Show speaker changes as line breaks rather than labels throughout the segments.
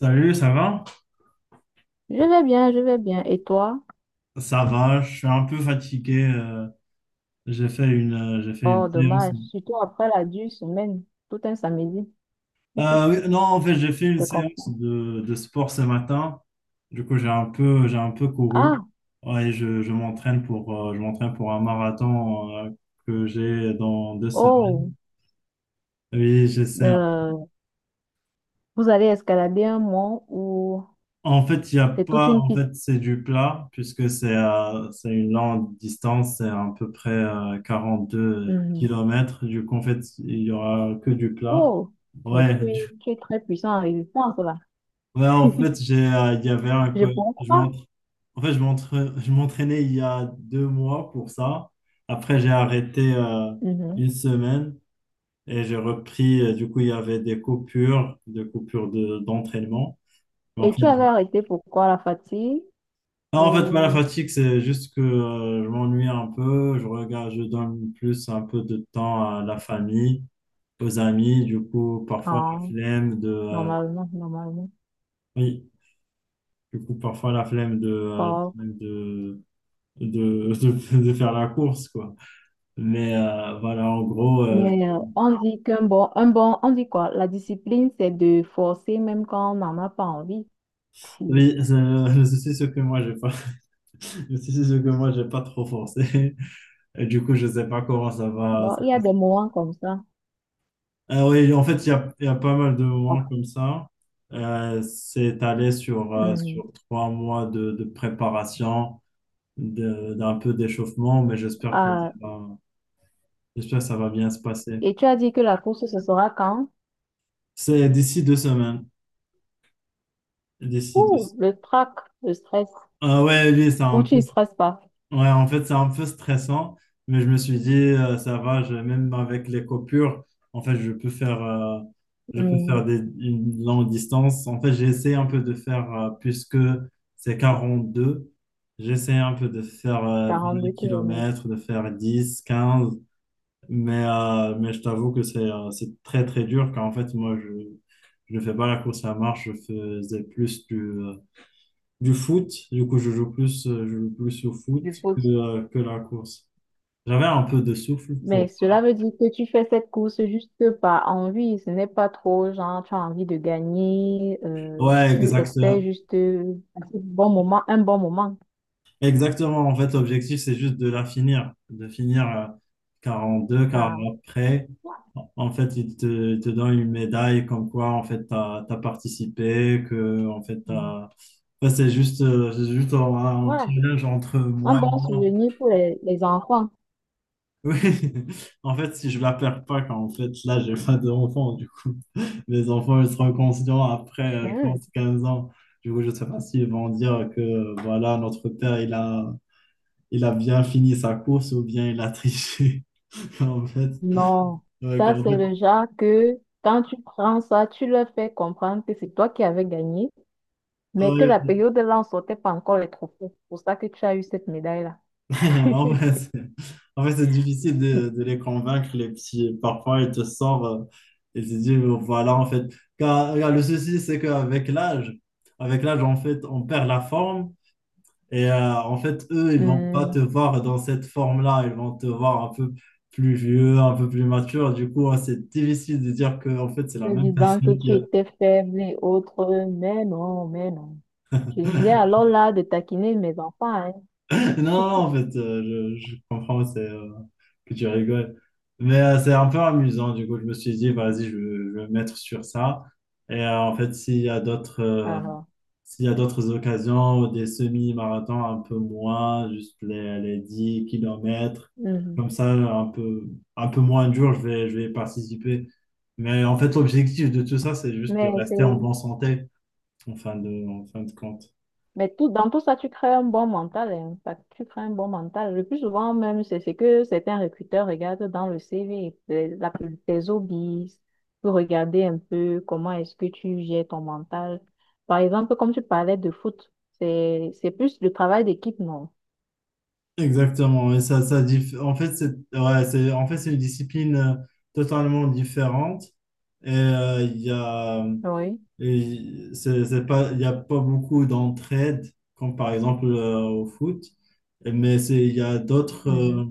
Salut, ça va?
Je vais bien, je vais bien. Et toi?
Ça va, je suis un peu fatigué. J'ai fait j'ai fait une
Oh,
séance.
dommage. Surtout après la dure semaine, tout un samedi. Je
Oui, non, en fait, j'ai fait une
te
séance
comprends.
de sport ce matin. Du coup, j'ai un peu couru.
Ah,
Ouais, je m'entraîne pour un marathon, que j'ai dans 2 semaines.
oh,
Oui, j'essaie.
euh, vous allez escalader un mont où
En fait, il y a
c'est toute
pas.
une
En
piste.
fait, c'est du plat, puisque c'est une longue distance, c'est à peu près 42
Mhm.
kilomètres. Du coup, en fait, il y aura que du plat.
Oh, mais
Ouais.
tu es, tu es très puissant en résistance là.
En fait, il y avait un
Je
je
comprends.
m'entra- en fait, je m'entra- je m'entraînais il y a 2 mois pour ça. Après, j'ai arrêté
Mhm.
une semaine et j'ai repris. Du coup, il y avait des coupures d'entraînement. Mais en
Et tu
fait.
avais arrêté pourquoi la fatigue?
Non, en fait, pas la
Ou...
fatigue, c'est juste que je m'ennuie un peu. Je regarde, je donne plus un peu de temps à la famille, aux amis. Du coup, parfois la
Ah,
flemme de,
normalement, normalement.
Oui, du coup, parfois la flemme de, la
Oh.
flemme de faire la course, quoi. Mais voilà, en gros,
Mais on dit qu'un bon, on dit quoi? La discipline, c'est de forcer même quand on n'en a pas envie. Puis,
oui, c'est le souci, c'est que moi, j'ai pas, le souci, c'est que moi, j'ai pas trop forcé. Et du coup, je sais pas comment ça va.
bon, il y a des moments comme ça.
Ah oui, en fait, il y a pas mal de moments comme ça. C'est allé
Mhm.
sur 3 mois de préparation, d'un peu d'échauffement, mais
Ah,
j'espère que ça va bien se passer.
et tu as dit que la course, ce sera quand?
C'est d'ici 2 semaines. D'ici deux.
Ouh, le trac, le stress.
Ah ouais, lui, c'est
Ou
un
tu
peu.
ne stresses pas.
Ouais, en fait, c'est un peu stressant, mais je me suis dit, ça va, même avec les coupures, en fait, je peux faire
Mhm.
une longue distance. En fait, j'ai essayé un peu de faire, puisque c'est 42, j'ai essayé un peu de faire
42
20
km
km, de faire 10 quinze, mais je t'avoue que c'est très, très dur, car en fait, moi, je ne fais pas la course à marche, je faisais plus du foot. Du coup, je joue plus au foot
du foot.
que la course. J'avais un peu de souffle pour.
Mais cela veut dire que tu fais cette course juste par envie. Ce n'est pas trop genre, tu as envie de gagner,
Ouais,
tu espères
exactement.
juste un bon moment, un bon moment.
Exactement. En fait, l'objectif, c'est juste de la finir. De finir deux, car
Ah.
après, en fait, il te donne une médaille comme quoi, en fait, t'as participé, que, en fait,
Mm.
t'as. Enfin, c'est juste un
Ouais,
challenge entre
un
moi et
bon
moi.
souvenir pour les enfants.
Oui, en fait, si je la perds pas, quand en fait, là, j'ai pas d'enfants, du coup. Mes enfants, ils seront conscients après, je
Hmm.
pense, 15 ans. Du coup, je sais pas s'ils vont dire que, voilà, notre père, il a bien fini sa course ou bien il a triché. En fait,
Non,
ouais,
ça c'est le genre que quand tu prends ça, tu leur fais comprendre que c'est toi qui avais gagné, mais que la
ouais,
période là, on sortait pas encore les trophées. C'est pour ça que tu as eu cette médaille-là.
en fait, c'est difficile de les convaincre, les petits. Parfois, ils te sortent, et ils te disent, oh, voilà, en fait. Car, le souci, c'est qu'avec l'âge, avec l'âge, en fait, on perd la forme. Et en fait, eux, ils vont pas
Hmm,
te voir dans cette forme-là. Ils vont te voir un peu plus vieux, un peu plus mature. Du coup, hein, c'est difficile de dire que en fait, c'est
te
la même
disant que
personne
tu étais faible et autres, mais non, mais non. J'ai
a-
alors là de taquiner mes enfants, hein.
Non, non, en fait, je comprends, que tu rigoles. Mais c'est un peu amusant. Du coup, je me suis dit, vas-y, je vais me mettre sur ça. Et en fait,
Ah, ah.
s'il y a d'autres occasions, des semi-marathons un peu moins, juste les 10 km,
Mhm.
comme ça, un peu moins dur, je vais participer. Mais en fait, l'objectif de tout ça, c'est juste de
Mais
rester en
c'est
bonne santé, en fin de compte.
Mais tout, dans tout ça, tu crées un bon mental, hein. Fait que tu crées un bon mental. Le plus souvent, même, c'est ce que certains recruteurs regardent dans le CV, tes hobbies, pour regarder un peu comment est-ce que tu gères ton mental. Par exemple, comme tu parlais de foot, c'est plus le travail d'équipe, non?
Exactement, et ça, c'est ouais, c'est c'est une discipline totalement différente, et il y a
Oui,
et c'est pas, il y a pas beaucoup d'entraide, comme par exemple au foot. Mais c'est il y a d'autres
mhm.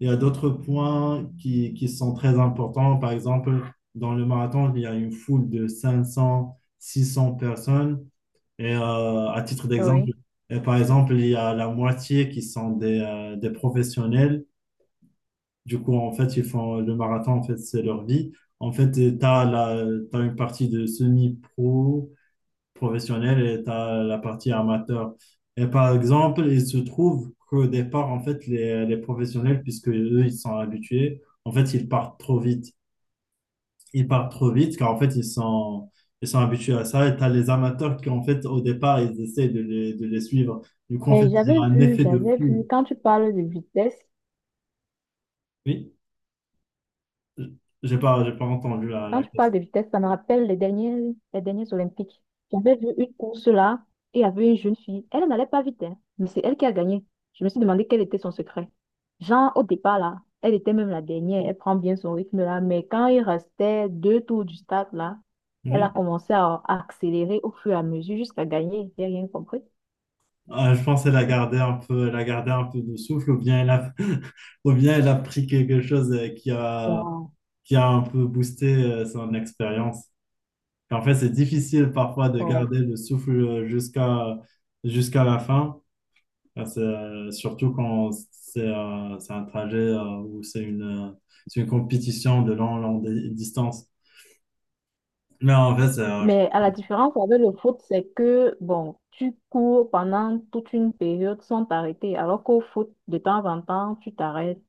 il y a d'autres points qui sont très importants. Par exemple, dans le marathon, il y a une foule de 500, 600 personnes, et à titre
Oui.
d'exemple, et par exemple, il y a la moitié qui sont des professionnels. Du coup, en fait, ils font le marathon, en fait, c'est leur vie. En fait, t'as une partie de semi-pro, professionnel, et tu as la partie amateur. Et par exemple, il se trouve qu'au départ, en fait, les professionnels, puisque eux, ils sont habitués, en fait, ils partent trop vite, car en fait, ils sont habitués à ça, et tu as les amateurs qui, en fait, au départ, ils essaient de les suivre. Du coup, en fait,
Et
il y
j'avais
a un
vu,
effet de
j'avais
foule.
vu, quand tu parles de vitesse,
Oui. J'ai pas entendu la,
quand
la
tu parles
question.
de vitesse, ça me rappelle les dernières Olympiques. J'avais vu une course là et il y avait une jeune fille. Elle n'allait pas vite, hein, mais c'est elle qui a gagné. Je me suis demandé quel était son secret. Genre, au départ là, elle était même la dernière, elle prend bien son rythme là, mais quand il restait deux tours du stade là, elle a
Oui.
commencé à accélérer au fur et à mesure jusqu'à gagner. J'ai rien compris.
Ah, je pense qu'elle a gardé un peu de souffle, ou bien elle a ou bien elle a pris quelque chose
Wow.
qui a un peu boosté son expérience. En fait, c'est difficile parfois de garder le souffle jusqu'à la fin. Ah, surtout quand c'est un trajet où c'est une compétition de longue, longue distance. Mais en fait, c'est.
Mais à la différence avec le foot, c'est que, bon, tu cours pendant toute une période sans t'arrêter, alors qu'au foot, de temps en temps, tu t'arrêtes.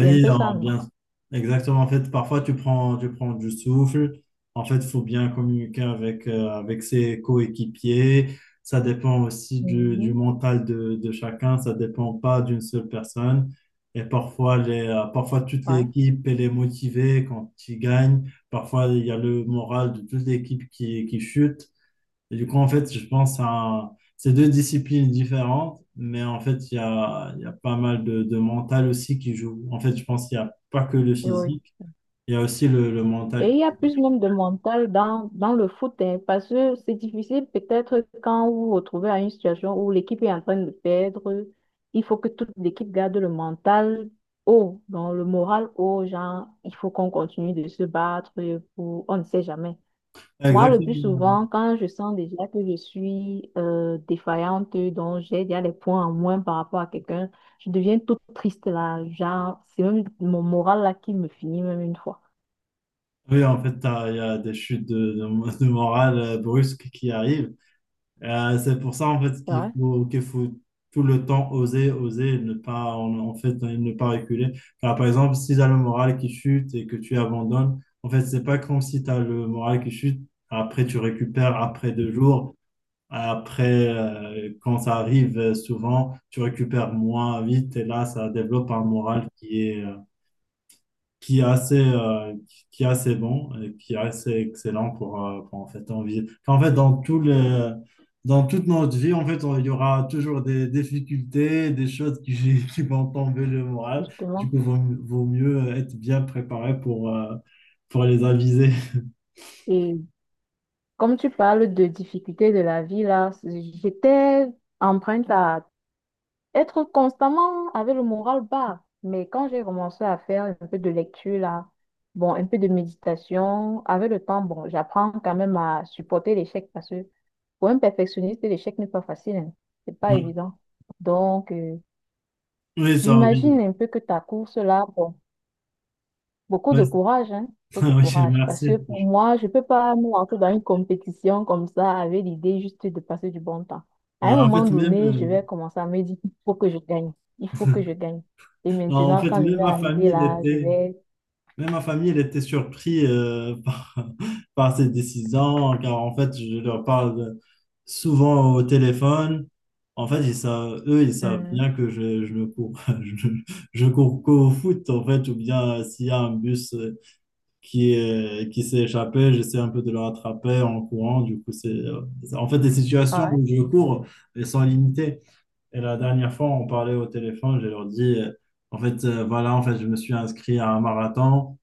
C'est un peu
hein,
ça, non?
bien. Exactement. En fait, parfois, tu prends du souffle. En fait, il faut bien communiquer avec ses coéquipiers. Ça dépend aussi du
Mhm.
mental de chacun. Ça dépend pas d'une seule personne. Et parfois, toute
Ouais,
l'équipe, elle est motivée quand ils gagnent. Parfois, il y a le moral de toute l'équipe qui chute. Et du coup, en fait, je pense à ces deux disciplines différentes, mais en fait, il y a pas mal de mental aussi qui joue. En fait, je pense qu'il n'y a pas que le
oui, oui.
physique, il y a aussi le
Et
mental.
il y a plus même de mental dans, dans le foot, hein, parce que c'est difficile peut-être quand vous vous retrouvez à une situation où l'équipe est en train de perdre, il faut que toute l'équipe garde le mental haut, dans le moral haut, genre, il faut qu'on continue de se battre pour, on ne sait jamais.
Ah,
Moi, le plus
exactement.
souvent, quand je sens déjà que je suis défaillante, donc j'ai déjà des points en moins par rapport à quelqu'un, je deviens toute triste là. Genre, c'est même mon moral là qui me finit même une fois.
Oui, en fait, il y a des chutes de morale brusques qui arrivent. C'est pour ça, en fait,
C'est vrai,
qu'il faut tout le temps oser, oser, et ne pas, en, en fait, ne pas reculer. Car, par exemple, si tu as le moral qui chute et que tu abandonnes, en fait, c'est pas comme si tu as le moral qui chute, après tu récupères après 2 jours, après, quand ça arrive souvent, tu récupères moins vite, et là, ça développe un moral qui est assez, euh, qui est assez bon et qui est assez excellent pour, en fait, envie. En fait, dans dans toute notre vie, en fait, il y aura toujours des difficultés, des choses qui vont tomber le moral. Du
justement.
coup, vaut mieux être bien préparé pour les aviser.
Et comme tu parles de difficultés de la vie là, c'est- j'étais empreinte à être constamment avec le moral bas. Mais quand j'ai commencé à faire un peu de lecture là, bon, un peu de méditation, avec le temps, bon, j'apprends quand même à supporter l'échec parce que pour un perfectionniste, l'échec n'est pas facile, hein. C'est pas
Ouais.
évident. Donc,
Oui, ça,
j'imagine
oui.
un peu que ta course là, bon, beaucoup
Ouais,
de courage, hein, beaucoup de
oui,
courage. Parce
merci.
que pour moi, je peux pas me lancer dans une compétition comme ça avec l'idée juste de passer du bon temps. À
Ouais,
un
en
moment
fait,
donné, je vais commencer à me dire, il faut que je gagne. Il faut que je gagne. Et
non, en
maintenant,
fait,
quand je
même
vais
ma
arriver
famille, elle
là, je
était.
vais...
Même ma famille, elle était surprise par cette décision, car en fait, je leur parle souvent au téléphone. En fait, eux, ils savent bien
Mhm.
que je ne cours, je cours qu'au foot, en fait, ou bien s'il y a un bus qui s'est échappé, j'essaie un peu de le rattraper en courant. Du coup, en fait, les situations
Ouais,
où je cours, elles sont limitées. Et la dernière fois, on parlait au téléphone, je leur dis, en fait, voilà, en fait, je me suis inscrit à un marathon,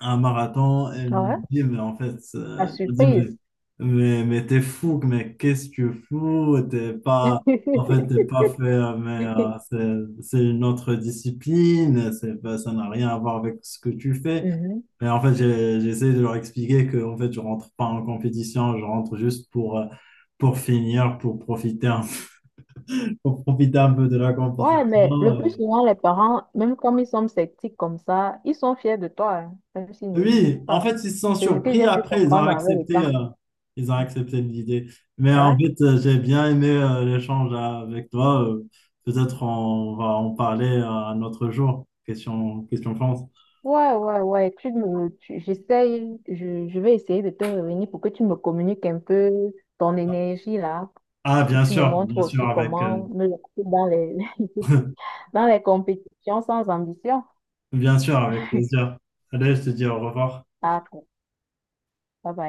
un marathon, elle me
ouais.
dit, mais en fait,
La
elle me dit,
surprise.
mais t'es fou, mais qu'est-ce que tu fous? T'es pas, en fait, t'es pas fait, c'est une autre discipline, c'est pas, ça n'a rien à voir avec ce que tu fais.
Mhm.
Mais en fait, j'essaie de leur expliquer que, en fait, je rentre pas en compétition, je rentre juste pour, finir, pour profiter un peu de la
Ouais, mais
compétition.
le plus souvent, les parents, même comme ils sont sceptiques comme ça, ils sont fiers de toi, hein, même s'ils ne le
Oui,
disent
en
pas.
fait, ils se sont
C'est ce que
surpris.
j'ai pu
Après,
comprendre avec le temps.
ils ont accepté l'idée. Mais en
Ah,
fait, j'ai bien aimé l'échange avec toi. Peut-être on va en parler un autre jour. Question, question France.
ouais, ouais, ouais, ouais. Tu me, tu- j'essaye, je vais essayer de te revenir pour que tu me communiques un peu ton énergie là,
Ah,
que
bien
tu me
sûr,
montres
bien sûr,
aussi comment me lancer dans les, dans les compétitions sans ambition.
bien sûr, avec plaisir. Allez, je te dis au revoir.
Ah, ça va